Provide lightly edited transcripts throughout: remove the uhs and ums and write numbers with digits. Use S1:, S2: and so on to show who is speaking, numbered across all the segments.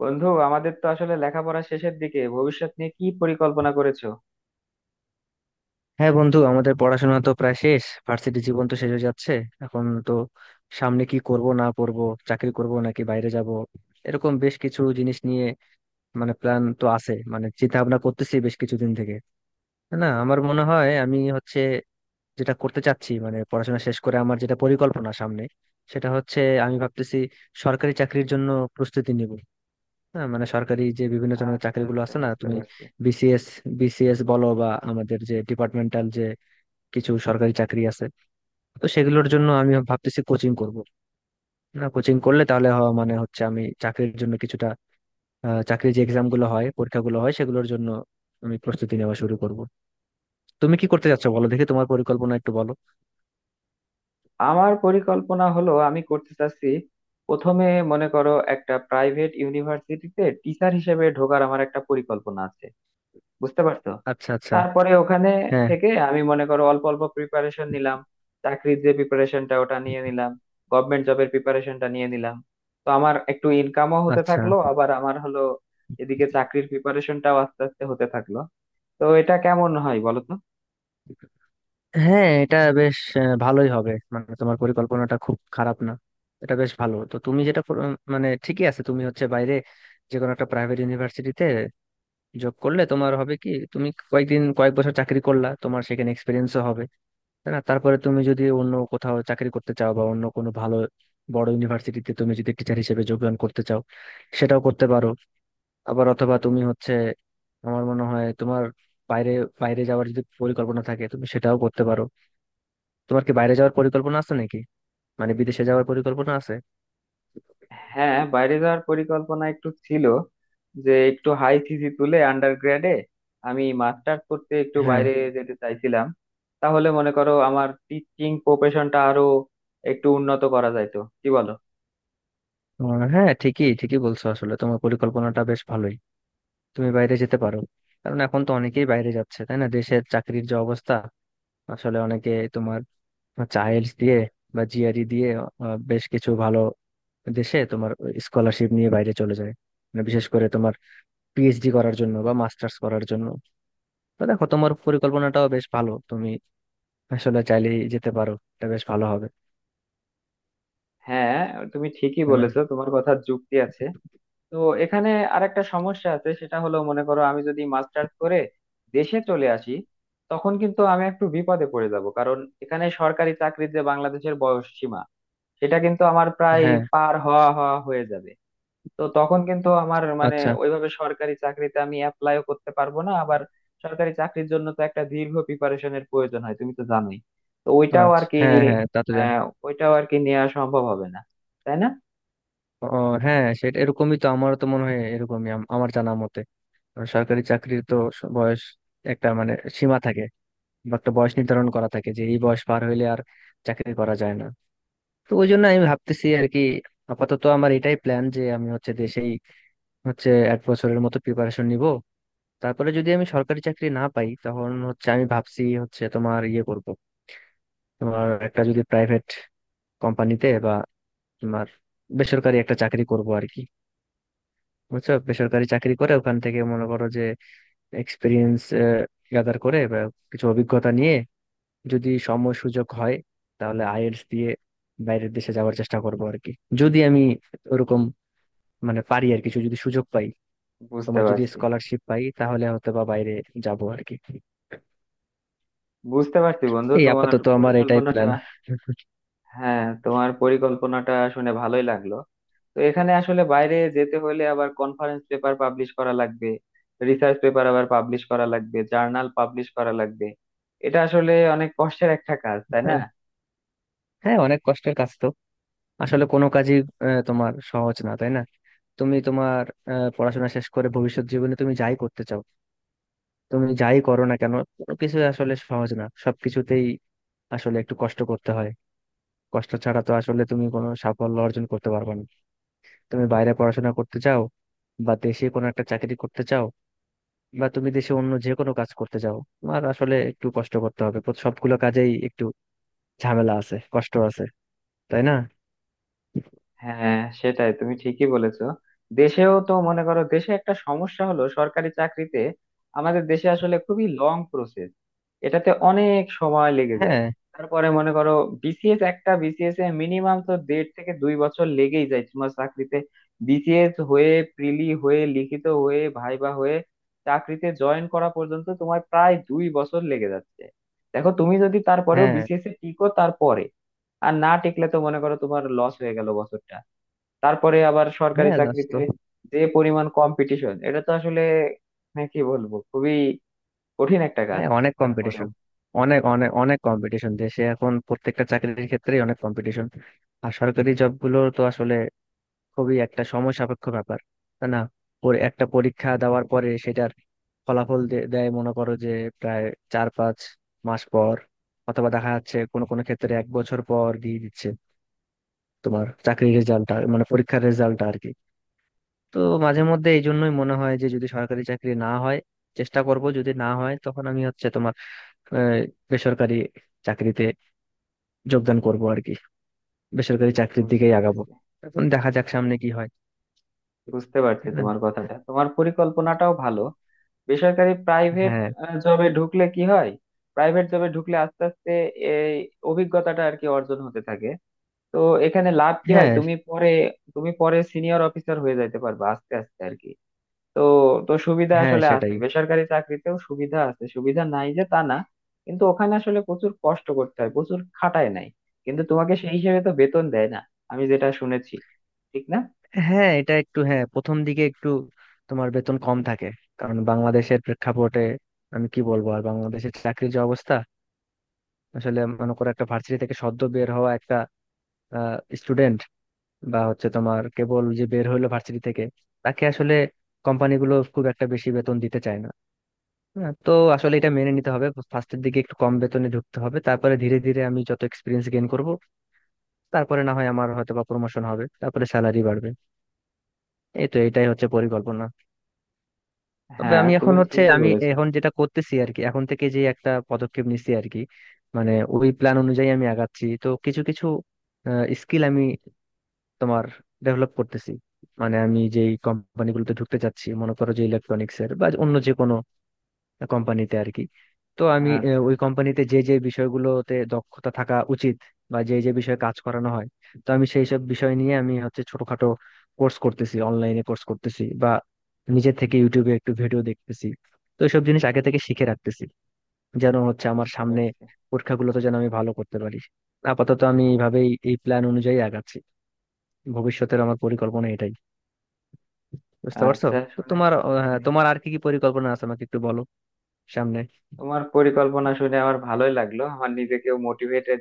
S1: বন্ধু, আমাদের তো আসলে লেখাপড়া শেষের দিকে, ভবিষ্যৎ নিয়ে কি পরিকল্পনা করেছো?
S2: হ্যাঁ বন্ধু, আমাদের পড়াশোনা তো প্রায় শেষ, ভার্সিটি জীবন তো শেষ হয়ে যাচ্ছে। এখন তো সামনে কি করব না করব, চাকরি করব নাকি বাইরে যাব, এরকম বেশ কিছু জিনিস নিয়ে মানে প্ল্যান তো আছে, মানে চিন্তা ভাবনা করতেছি বেশ কিছুদিন থেকে। না, আমার মনে হয় আমি হচ্ছে যেটা করতে চাচ্ছি, মানে পড়াশোনা শেষ করে আমার যেটা পরিকল্পনা সামনে, সেটা হচ্ছে আমি ভাবতেছি সরকারি চাকরির জন্য প্রস্তুতি নিব। হ্যাঁ, মানে সরকারি যে বিভিন্ন ধরনের
S1: আচ্ছা,
S2: চাকরিগুলো
S1: আচ্ছা,
S2: আছে না
S1: বুঝতে
S2: তুমি,
S1: পারছি।
S2: বিসিএস, বিসিএস বলো বা আমাদের যে ডিপার্টমেন্টাল কিছু সরকারি চাকরি আছে, তো সেগুলোর জন্য আমি ভাবতেছি কোচিং করব। না কোচিং করলে তাহলে মানে হচ্ছে আমি চাকরির জন্য কিছুটা চাকরির যে এক্সাম গুলো হয়, পরীক্ষাগুলো হয় সেগুলোর জন্য আমি প্রস্তুতি নেওয়া শুরু করব। তুমি কি করতে যাচ্ছ বলো দেখি, তোমার পরিকল্পনা একটু বলো।
S1: আমার পরিকল্পনা হলো, আমি করতে চাচ্ছি প্রথমে, মনে করো একটা প্রাইভেট ইউনিভার্সিটিতে টিচার হিসেবে ঢোকার আমার একটা পরিকল্পনা আছে। বুঝতে পারছো?
S2: আচ্ছা আচ্ছা।
S1: তারপরে ওখানে
S2: হ্যাঁ।
S1: থেকে আমি মনে করো অল্প অল্প প্রিপারেশন নিলাম, চাকরির যে প্রিপারেশনটা ওটা নিয়ে নিলাম, গভর্নমেন্ট জবের প্রিপারেশনটা নিয়ে নিলাম। তো আমার একটু ইনকামও হতে
S2: আচ্ছা।
S1: থাকলো, আবার আমার হলো এদিকে চাকরির প্রিপারেশনটাও আস্তে আস্তে হতে থাকলো। তো এটা কেমন হয় বলো তো?
S2: হ্যাঁ, এটা বেশ ভালোই হবে, মানে তোমার পরিকল্পনাটা খুব খারাপ না, এটা বেশ ভালো। তো তুমি মানে ঠিকই আছে, তুমি হচ্ছে বাইরে যে কোনো একটা প্রাইভেট ইউনিভার্সিটিতে জব করলে, তোমার হবে কি তুমি কয়েকদিন কয়েক বছর চাকরি করলা, তোমার সেখানে এক্সপিরিয়েন্সও হবে, তাই না? তারপরে তুমি যদি অন্য কোথাও চাকরি করতে চাও বা অন্য কোনো ভালো বড় ইউনিভার্সিটিতে তুমি যদি টিচার হিসেবে যোগদান করতে চাও, সেটাও করতে পারো। আবার অথবা তুমি হচ্ছে, আমার মনে হয় তোমার বাইরে বাইরে যাওয়ার যদি পরিকল্পনা থাকে, তুমি সেটাও করতে পারো। তোমার কি বাইরে যাওয়ার পরিকল্পনা আছে নাকি, মানে বিদেশে যাওয়ার পরিকল্পনা আছে?
S1: হ্যাঁ, বাইরে যাওয়ার পরিকল্পনা একটু ছিল, যে একটু হাই সিসি তুলে আন্ডারগ্রেডে আমি মাস্টার্স করতে একটু
S2: হ্যাঁ।
S1: বাইরে যেতে চাইছিলাম। তাহলে মনে করো আমার টিচিং প্রফেশনটা আরো একটু উন্নত করা যাইতো, কি বলো?
S2: হ্যাঁ, ঠিকই ঠিকই বলছো, আসলে তোমার পরিকল্পনাটা বেশ ভালোই, তুমি বাইরে যেতে পারো। কারণ এখন তো অনেকেই বাইরে যাচ্ছে, তাই না? দেশের চাকরির যে অবস্থা, আসলে অনেকে তোমার চাইল্ডস দিয়ে বা জিআরই দিয়ে বেশ কিছু ভালো দেশে তোমার স্কলারশিপ নিয়ে বাইরে চলে যায়, মানে বিশেষ করে তোমার পিএইচডি করার জন্য বা মাস্টার্স করার জন্য। তো দেখো, তোমার পরিকল্পনাটাও বেশ ভালো, তুমি আসলে চাইলেই যেতে পারো, এটা বেশ ভালো হবে।
S1: হ্যাঁ, তুমি ঠিকই
S2: তাই না?
S1: বলেছো, তোমার কথা যুক্তি আছে। তো এখানে আরেকটা সমস্যা আছে, সেটা হলো মনে করো আমি যদি মাস্টার্স করে দেশে চলে আসি, তখন কিন্তু আমি একটু বিপদে পড়ে যাব, কারণ এখানে সরকারি চাকরির যে বাংলাদেশের বয়স সীমা, সেটা কিন্তু আমার প্রায়
S2: হ্যাঁ।
S1: পার হওয়া হওয়া হয়ে যাবে। তো তখন কিন্তু আমার মানে,
S2: আচ্ছা
S1: ওইভাবে সরকারি চাকরিতে আমি অ্যাপ্লাইও করতে পারবো না। আবার সরকারি চাকরির জন্য তো একটা দীর্ঘ প্রিপারেশনের প্রয়োজন হয়, তুমি তো জানোই। তো ওইটাও আর
S2: আচ্ছা।
S1: কি,
S2: হ্যাঁ হ্যাঁ, তা তো জানি।
S1: হ্যাঁ, ওইটাও আর কি নেওয়া সম্ভব হবে না, তাই না?
S2: ও হ্যাঁ, সেটা এরকমই, তো আমারও তো মনে হয় এরকমই, আমার জানা মতে। কারণ সরকারি চাকরির তো বয়স একটা মানে সীমা থাকে, বা একটা বয়স নির্ধারণ করা থাকে যে এই বয়স পার হইলে আর চাকরি করা যায় না। তো ওই জন্য আমি ভাবতেছি আর কি, আপাতত আমার এটাই প্ল্যান যে আমি হচ্ছে দেশেই হচ্ছে এক বছরের মতো প্রিপারেশন নিব, তারপরে যদি আমি সরকারি চাকরি না পাই, তখন হচ্ছে আমি ভাবছি হচ্ছে তোমার ইয়ে করব, তোমার একটা যদি প্রাইভেট কোম্পানিতে বা তোমার বেসরকারি একটা চাকরি করব আর কি। বুঝছো, বেসরকারি চাকরি করে ওখান থেকে মনে করো যে এক্সপিরিয়েন্স গ্যাদার করে বা কিছু অভিজ্ঞতা নিয়ে, যদি সময় সুযোগ হয়, তাহলে আইএলটিএস দিয়ে বাইরের দেশে যাওয়ার চেষ্টা করবো আর কি। যদি আমি ওরকম মানে পারি, আর কিছু যদি সুযোগ পাই,
S1: বুঝতে
S2: তোমার যদি
S1: পারছি।
S2: স্কলারশিপ পাই, তাহলে হয়তো বা বাইরে যাবো আর কি।
S1: বুঝতে পারছি বন্ধু
S2: এই
S1: তোমার
S2: আপাতত আমার এটাই
S1: পরিকল্পনাটা।
S2: প্ল্যান।
S1: হ্যাঁ, তোমার পরিকল্পনাটা শুনে ভালোই লাগলো। তো এখানে আসলে বাইরে যেতে হলে আবার কনফারেন্স পেপার পাবলিশ করা লাগবে, রিসার্চ পেপার আবার পাবলিশ করা লাগবে, জার্নাল পাবলিশ করা লাগবে। এটা আসলে অনেক কষ্টের একটা কাজ, তাই না?
S2: হ্যাঁ। হ্যাঁ অনেক কষ্টের কাজ তো, আসলে কোনো কাজই তোমার সহজ না, তাই না? তুমি তোমার পড়াশোনা শেষ করে ভবিষ্যৎ জীবনে তুমি যাই করতে চাও, তুমি যাই করো না কেন, কোনো কিছু আসলে সহজ না, সবকিছুতেই আসলে একটু কষ্ট করতে হয়। কষ্ট ছাড়া তো আসলে তুমি কোনো সাফল্য অর্জন করতে পারবে না। তুমি বাইরে পড়াশোনা করতে চাও, বা দেশে কোনো একটা চাকরি করতে চাও, বা তুমি দেশে অন্য যে কোনো কাজ করতে চাও, তোমার আসলে একটু কষ্ট করতে হবে, সবগুলো কাজেই একটু ঝামেলা আছে, কষ্ট আছে, তাই না?
S1: হ্যাঁ, সেটাই, তুমি ঠিকই বলেছো। দেশেও তো মনে করো দেশে একটা সমস্যা হলো, সরকারি চাকরিতে আমাদের দেশে আসলে খুবই লং প্রসেস, এটাতে অনেক সময় লেগে যায়।
S2: হ্যাঁ।
S1: তারপরে মনে করো বিসিএস এ মিনিমাম তো দেড় থেকে 2 বছর লেগেই যায় তোমার চাকরিতে। বিসিএস হয়ে, প্রিলি হয়ে, লিখিত হয়ে, ভাইবা হয়ে, চাকরিতে জয়েন করা পর্যন্ত তোমার প্রায় 2 বছর লেগে যাচ্ছে। দেখো, তুমি যদি তারপরেও
S2: হ্যাঁ।
S1: বিসিএস এ টিকো তারপরে, আর না টিকলে তো মনে করো তোমার লস হয়ে গেল বছরটা। তারপরে আবার সরকারি
S2: হ্যাঁ দাস
S1: চাকরিতে
S2: তো।
S1: যে পরিমাণ কম্পিটিশন, এটা তো আসলে, মানে কি বলবো, খুবই কঠিন একটা কাজ।
S2: হ্যাঁ অনেক
S1: তারপরেও
S2: কম্পিটিশন, অনেক অনেক অনেক কম্পিটিশন, দেশে এখন প্রত্যেকটা চাকরির ক্ষেত্রেই অনেক কম্পিটিশন। আর সরকারি জবগুলো তো আসলে খুবই একটা সময় সাপেক্ষ ব্যাপার, তাই না? একটা পরীক্ষা দেওয়ার পরে সেটার ফলাফল দেয় মনে করো যে প্রায় চার পাঁচ মাস পর, অথবা দেখা যাচ্ছে কোনো কোনো ক্ষেত্রে এক বছর পর দিয়ে দিচ্ছে তোমার চাকরির রেজাল্টটা, মানে পরীক্ষার রেজাল্টটা আর কি। তো মাঝে মধ্যে এই জন্যই মনে হয় যে যদি সরকারি চাকরি না হয়, চেষ্টা করব, যদি না হয় তখন আমি হচ্ছে তোমার আহ, বেসরকারি চাকরিতে যোগদান করব আর কি, বেসরকারি চাকরির
S1: বুঝতে
S2: দিকেই আগাবো।
S1: পারছি।
S2: এখন দেখা যাক সামনে কি হয়।
S1: বুঝতে পারছি
S2: তাই না?
S1: তোমার কথাটা, তোমার পরিকল্পনাটাও ভালো। বেসরকারি প্রাইভেট
S2: হ্যাঁ।
S1: জবে ঢুকলে কি হয়? প্রাইভেট জবে ঢুকলে আস্তে আস্তে এই অভিজ্ঞতাটা আর কি অর্জন হতে থাকে। তো এখানে লাভ কি হয়,
S2: হ্যাঁ।
S1: তুমি পরে, তুমি পরে সিনিয়র অফিসার হয়ে যাইতে পারবে আস্তে আস্তে আর কি। তো তো সুবিধা
S2: হ্যাঁ
S1: আসলে আছে,
S2: সেটাই।
S1: বেসরকারি চাকরিতেও সুবিধা আছে, সুবিধা নাই যে তা না। কিন্তু ওখানে আসলে প্রচুর কষ্ট করতে হয়, প্রচুর খাটায় নাই কিন্তু তোমাকে, সেই হিসেবে তো বেতন দেয় না, আমি যেটা শুনেছি, ঠিক না?
S2: হ্যাঁ এটা একটু, হ্যাঁ প্রথম দিকে একটু তোমার বেতন কম থাকে, কারণ বাংলাদেশের প্রেক্ষাপটে আমি কি বলবো আর, বাংলাদেশের চাকরির যে অবস্থা, আসলে মনে করো একটা ভার্সিটি থেকে সদ্য বের হওয়া একটা স্টুডেন্ট, বা হচ্ছে তোমার কেবল যে বের হইলো ভার্সিটি থেকে, তাকে আসলে কোম্পানিগুলো খুব একটা বেশি বেতন দিতে চায় না। হ্যাঁ, তো আসলে এটা মেনে নিতে হবে, ফার্স্টের দিকে একটু কম বেতনে ঢুকতে হবে, তারপরে ধীরে ধীরে আমি যত এক্সপিরিয়েন্স গেইন করব, তারপরে না হয় আমার হয়তো বা প্রমোশন হবে, তারপরে স্যালারি বাড়বে। এই তো এটাই হচ্ছে পরিকল্পনা। তবে
S1: হ্যাঁ,
S2: আমি এখন
S1: তুমি
S2: হচ্ছে
S1: ঠিকই
S2: আমি
S1: বলেছো।
S2: এখন যেটা করতেছি আর কি, এখন থেকে যে একটা পদক্ষেপ নিচ্ছি আর কি, মানে ওই প্ল্যান অনুযায়ী আমি আগাচ্ছি, তো কিছু কিছু স্কিল আমি তোমার ডেভেলপ করতেছি। মানে আমি যেই কোম্পানিগুলোতে ঢুকতে চাচ্ছি, মনে করো যে ইলেকট্রনিক্স এর বা অন্য যে কোনো কোম্পানিতে আর কি, তো আমি
S1: আচ্ছা,
S2: ওই কোম্পানিতে যে যে বিষয়গুলোতে দক্ষতা থাকা উচিত, বা যে যে বিষয়ে কাজ করানো হয়, তো আমি সেই সব বিষয় নিয়ে আমি হচ্ছে ছোটখাটো কোর্স করতেছি, অনলাইনে কোর্স করতেছি, বা নিজে থেকে ইউটিউবে একটু ভিডিও দেখতেছি। তো সব জিনিস আগে থেকে শিখে রাখতেছি যেন হচ্ছে আমার
S1: বুঝতে
S2: সামনে
S1: পারছি।
S2: পরীক্ষাগুলোতে যেন আমি ভালো করতে পারি। আপাতত আমি এইভাবেই এই প্ল্যান অনুযায়ী আগাচ্ছি, ভবিষ্যতের আমার পরিকল্পনা এটাই। বুঝতে পারছো?
S1: আচ্ছা,
S2: তো
S1: শুনে,
S2: তোমার
S1: জি,
S2: তোমার আর কি কি পরিকল্পনা আছে আমাকে একটু বলো সামনে।
S1: তোমার পরিকল্পনা শুনে আমার ভালোই লাগলো, আমার নিজেকেও মোটিভেটেড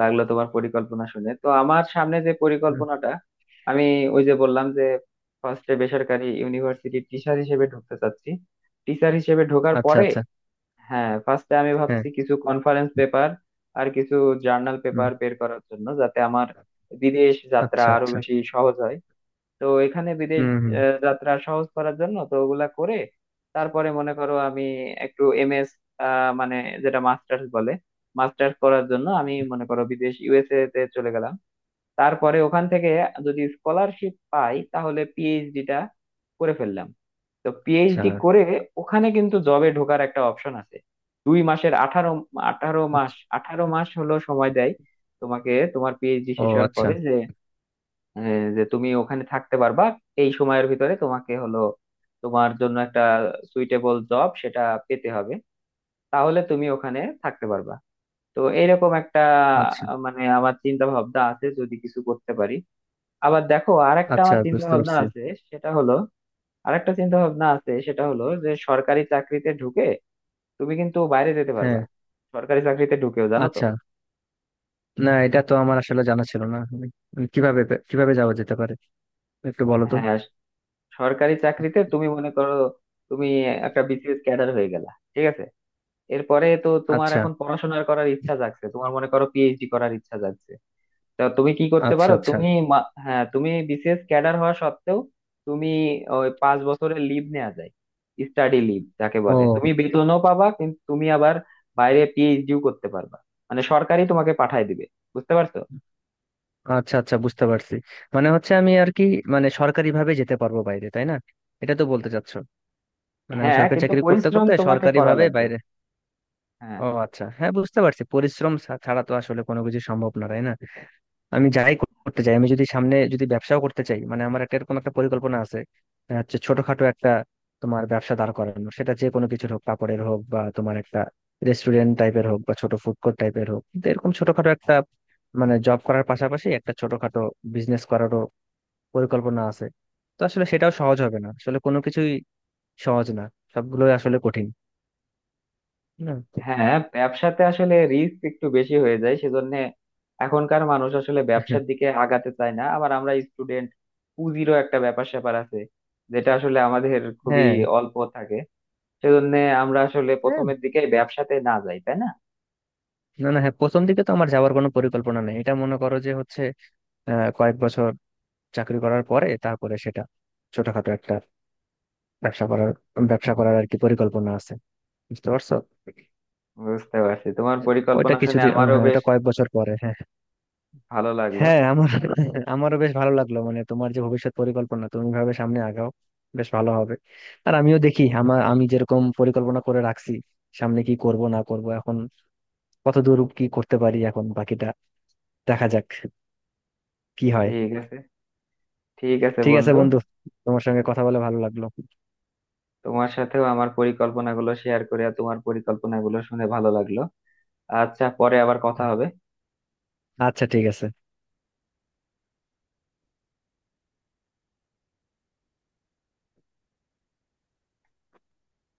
S1: লাগলো তোমার পরিকল্পনা শুনে। তো আমার সামনে যে
S2: হুম।
S1: পরিকল্পনাটা, আমি ওই যে বললাম যে, ফার্স্টে বেসরকারি ইউনিভার্সিটির টিচার হিসেবে ঢুকতে চাচ্ছি। টিচার হিসেবে ঢোকার
S2: আচ্ছা
S1: পরে
S2: আচ্ছা।
S1: হ্যাঁ, ফার্স্টে আমি
S2: হ্যাঁ।
S1: ভাবছি কিছু কনফারেন্স পেপার আর কিছু জার্নাল
S2: হুম।
S1: পেপার বের করার জন্য, যাতে আমার বিদেশ যাত্রা
S2: আচ্ছা
S1: আরো
S2: আচ্ছা।
S1: বেশি সহজ হয়। তো এখানে বিদেশ
S2: হুম হুম।
S1: যাত্রা সহজ করার জন্য তো ওগুলা করে। তারপরে মনে করো আমি একটু এমএস, মানে যেটা মাস্টার্স বলে, মাস্টার্স করার জন্য আমি মনে করো বিদেশ ইউএসএ তে চলে গেলাম। তারপরে ওখান থেকে যদি স্কলারশিপ পাই তাহলে পিএইচডিটা করে ফেললাম। তো
S2: আচ্ছা।
S1: পিএইচডি করে ওখানে কিন্তু জবে ঢোকার একটা অপশন আছে। দুই মাসের আঠারো আঠারো মাস
S2: আচ্ছা।
S1: 18 মাস হলো সময় দেয় তোমাকে তোমার পিএইচডি
S2: ও
S1: শেষ হওয়ার
S2: আচ্ছা।
S1: পরে, যে, হ্যাঁ, যে তুমি ওখানে থাকতে পারবা। এই সময়ের ভিতরে তোমাকে হলো তোমার জন্য একটা সুইটেবল জব সেটা পেতে হবে, তাহলে তুমি ওখানে থাকতে পারবা। তো এরকম একটা
S2: আচ্ছা
S1: মানে আমার চিন্তা ভাবনা আছে যদি কিছু করতে পারি। আবার দেখো, আর একটা
S2: আচ্ছা,
S1: আমার চিন্তা
S2: বুঝতে
S1: ভাবনা
S2: পারছি।
S1: আছে, সেটা হলো আর একটা চিন্তা ভাবনা আছে সেটা হলো যে, সরকারি চাকরিতে ঢুকে তুমি কিন্তু বাইরে যেতে পারবা,
S2: হ্যাঁ।
S1: সরকারি চাকরিতে ঢুকেও, জানো তো?
S2: আচ্ছা। না এটা তো আমার আসলে জানা ছিল না, আমি কিভাবে, কিভাবে যাওয়া যেতে পারে একটু বলো তো।
S1: হ্যাঁ, সরকারি চাকরিতে তুমি মনে করো তুমি একটা বিসিএস ক্যাডার হয়ে গেলা, ঠিক আছে। এরপরে তো তোমার
S2: আচ্ছা।
S1: এখন পড়াশোনার করার ইচ্ছা জাগছে, তোমার মনে করো পিএইচডি করার ইচ্ছা জাগছে। তা তুমি কি করতে
S2: আচ্ছা
S1: পারো,
S2: আচ্ছা।
S1: তুমি হ্যাঁ, তুমি বিসিএস ক্যাডার হওয়া সত্ত্বেও তুমি ওই 5 বছরের লিভ নেওয়া যায়, স্টাডি লিভ যাকে বলে,
S2: ও
S1: তুমি বেতনও পাবা কিন্তু তুমি আবার বাইরে পিএইচডিও করতে পারবা। মানে সরকারি তোমাকে পাঠায় দিবে। বুঝতে পারছো?
S2: আচ্ছা, আচ্ছা বুঝতে পারছি। মানে হচ্ছে আমি আর কি, মানে সরকারি ভাবে যেতে পারবো বাইরে, তাই না? এটা তো বলতে চাচ্ছো, মানে আমি
S1: হ্যাঁ,
S2: সরকারি
S1: কিন্তু
S2: চাকরি করতে
S1: পরিশ্রম
S2: করতে
S1: তোমাকে
S2: সরকারি
S1: করা
S2: ভাবে
S1: লাগবে।
S2: বাইরে।
S1: হ্যাঁ।
S2: ও আচ্ছা হ্যাঁ বুঝতে পারছি, পরিশ্রম ছাড়া তো আসলে কোনো কিছু সম্ভব না, তাই না? আমি যাই করতে চাই, আমি যদি সামনে যদি ব্যবসাও করতে চাই, মানে আমার একটা এরকম একটা পরিকল্পনা আছে হচ্ছে ছোটখাটো একটা তোমার ব্যবসা দাঁড় করানো, সেটা যে কোনো কিছুর হোক, কাপড়ের হোক বা তোমার একটা রেস্টুরেন্ট টাইপের হোক বা ছোট ফুড কোর্ট টাইপের হোক, তো এরকম ছোটখাটো একটা, মানে জব করার পাশাপাশি একটা ছোটখাটো বিজনেস করারও পরিকল্পনা আছে। তো আসলে সেটাও সহজ হবে না, আসলে কোনো কিছুই সহজ না, সবগুলোই আসলে কঠিন, না?
S1: হ্যাঁ, ব্যবসাতে আসলে রিস্ক একটু বেশি হয়ে যায়, সেজন্য এখনকার মানুষ আসলে ব্যবসার দিকে আগাতে চায় না, আবার আমরা স্টুডেন্ট, পুঁজিরও একটা ব্যাপার স্যাপার আছে, যেটা আসলে আমাদের খুবই
S2: হ্যাঁ।
S1: অল্প থাকে। সেজন্য আমরা আসলে
S2: হ্যাঁ।
S1: প্রথমের দিকে ব্যবসাতে না যাই, তাই না?
S2: না না, হ্যাঁ প্রথম দিকে তো আমার যাওয়ার কোনো পরিকল্পনা নেই, এটা মনে করো যে হচ্ছে কয়েক বছর চাকরি করার পরে, তারপরে সেটা ছোটখাটো একটা ব্যবসা করার ব্যবসা করার আর কি পরিকল্পনা আছে। বুঝতে পারছো?
S1: বুঝতে পারছি, তোমার
S2: ওইটা
S1: পরিকল্পনা শুনে
S2: কিছুদিন,
S1: আমারও
S2: হ্যাঁ
S1: বেশ
S2: এটা কয়েক বছর পরে। হ্যাঁ।
S1: ভালো লাগলো।
S2: হ্যাঁ আমার, আমারও বেশ ভালো লাগলো, মানে তোমার যে ভবিষ্যৎ পরিকল্পনা, তুমি ভাবে সামনে আগাও, বেশ ভালো হবে। আর আমিও দেখি, আমার আমি যেরকম পরিকল্পনা করে রাখছি, সামনে কি করব না করব, এখন কত দূর কি করতে পারি, এখন বাকিটা দেখা যাক কি হয়।
S1: ঠিক আছে। ঠিক আছে
S2: ঠিক আছে
S1: বন্ধু।
S2: বন্ধু, তোমার সঙ্গে কথা বলে ভালো লাগলো।
S1: তোমার সাথেও আমার পরিকল্পনাগুলো শেয়ার করে আর তোমার পরিকল্পনাগুলো শুনে ভালো লাগলো। আচ্ছা, পরে আবার কথা হবে।
S2: আচ্ছা, ঠিক আছে।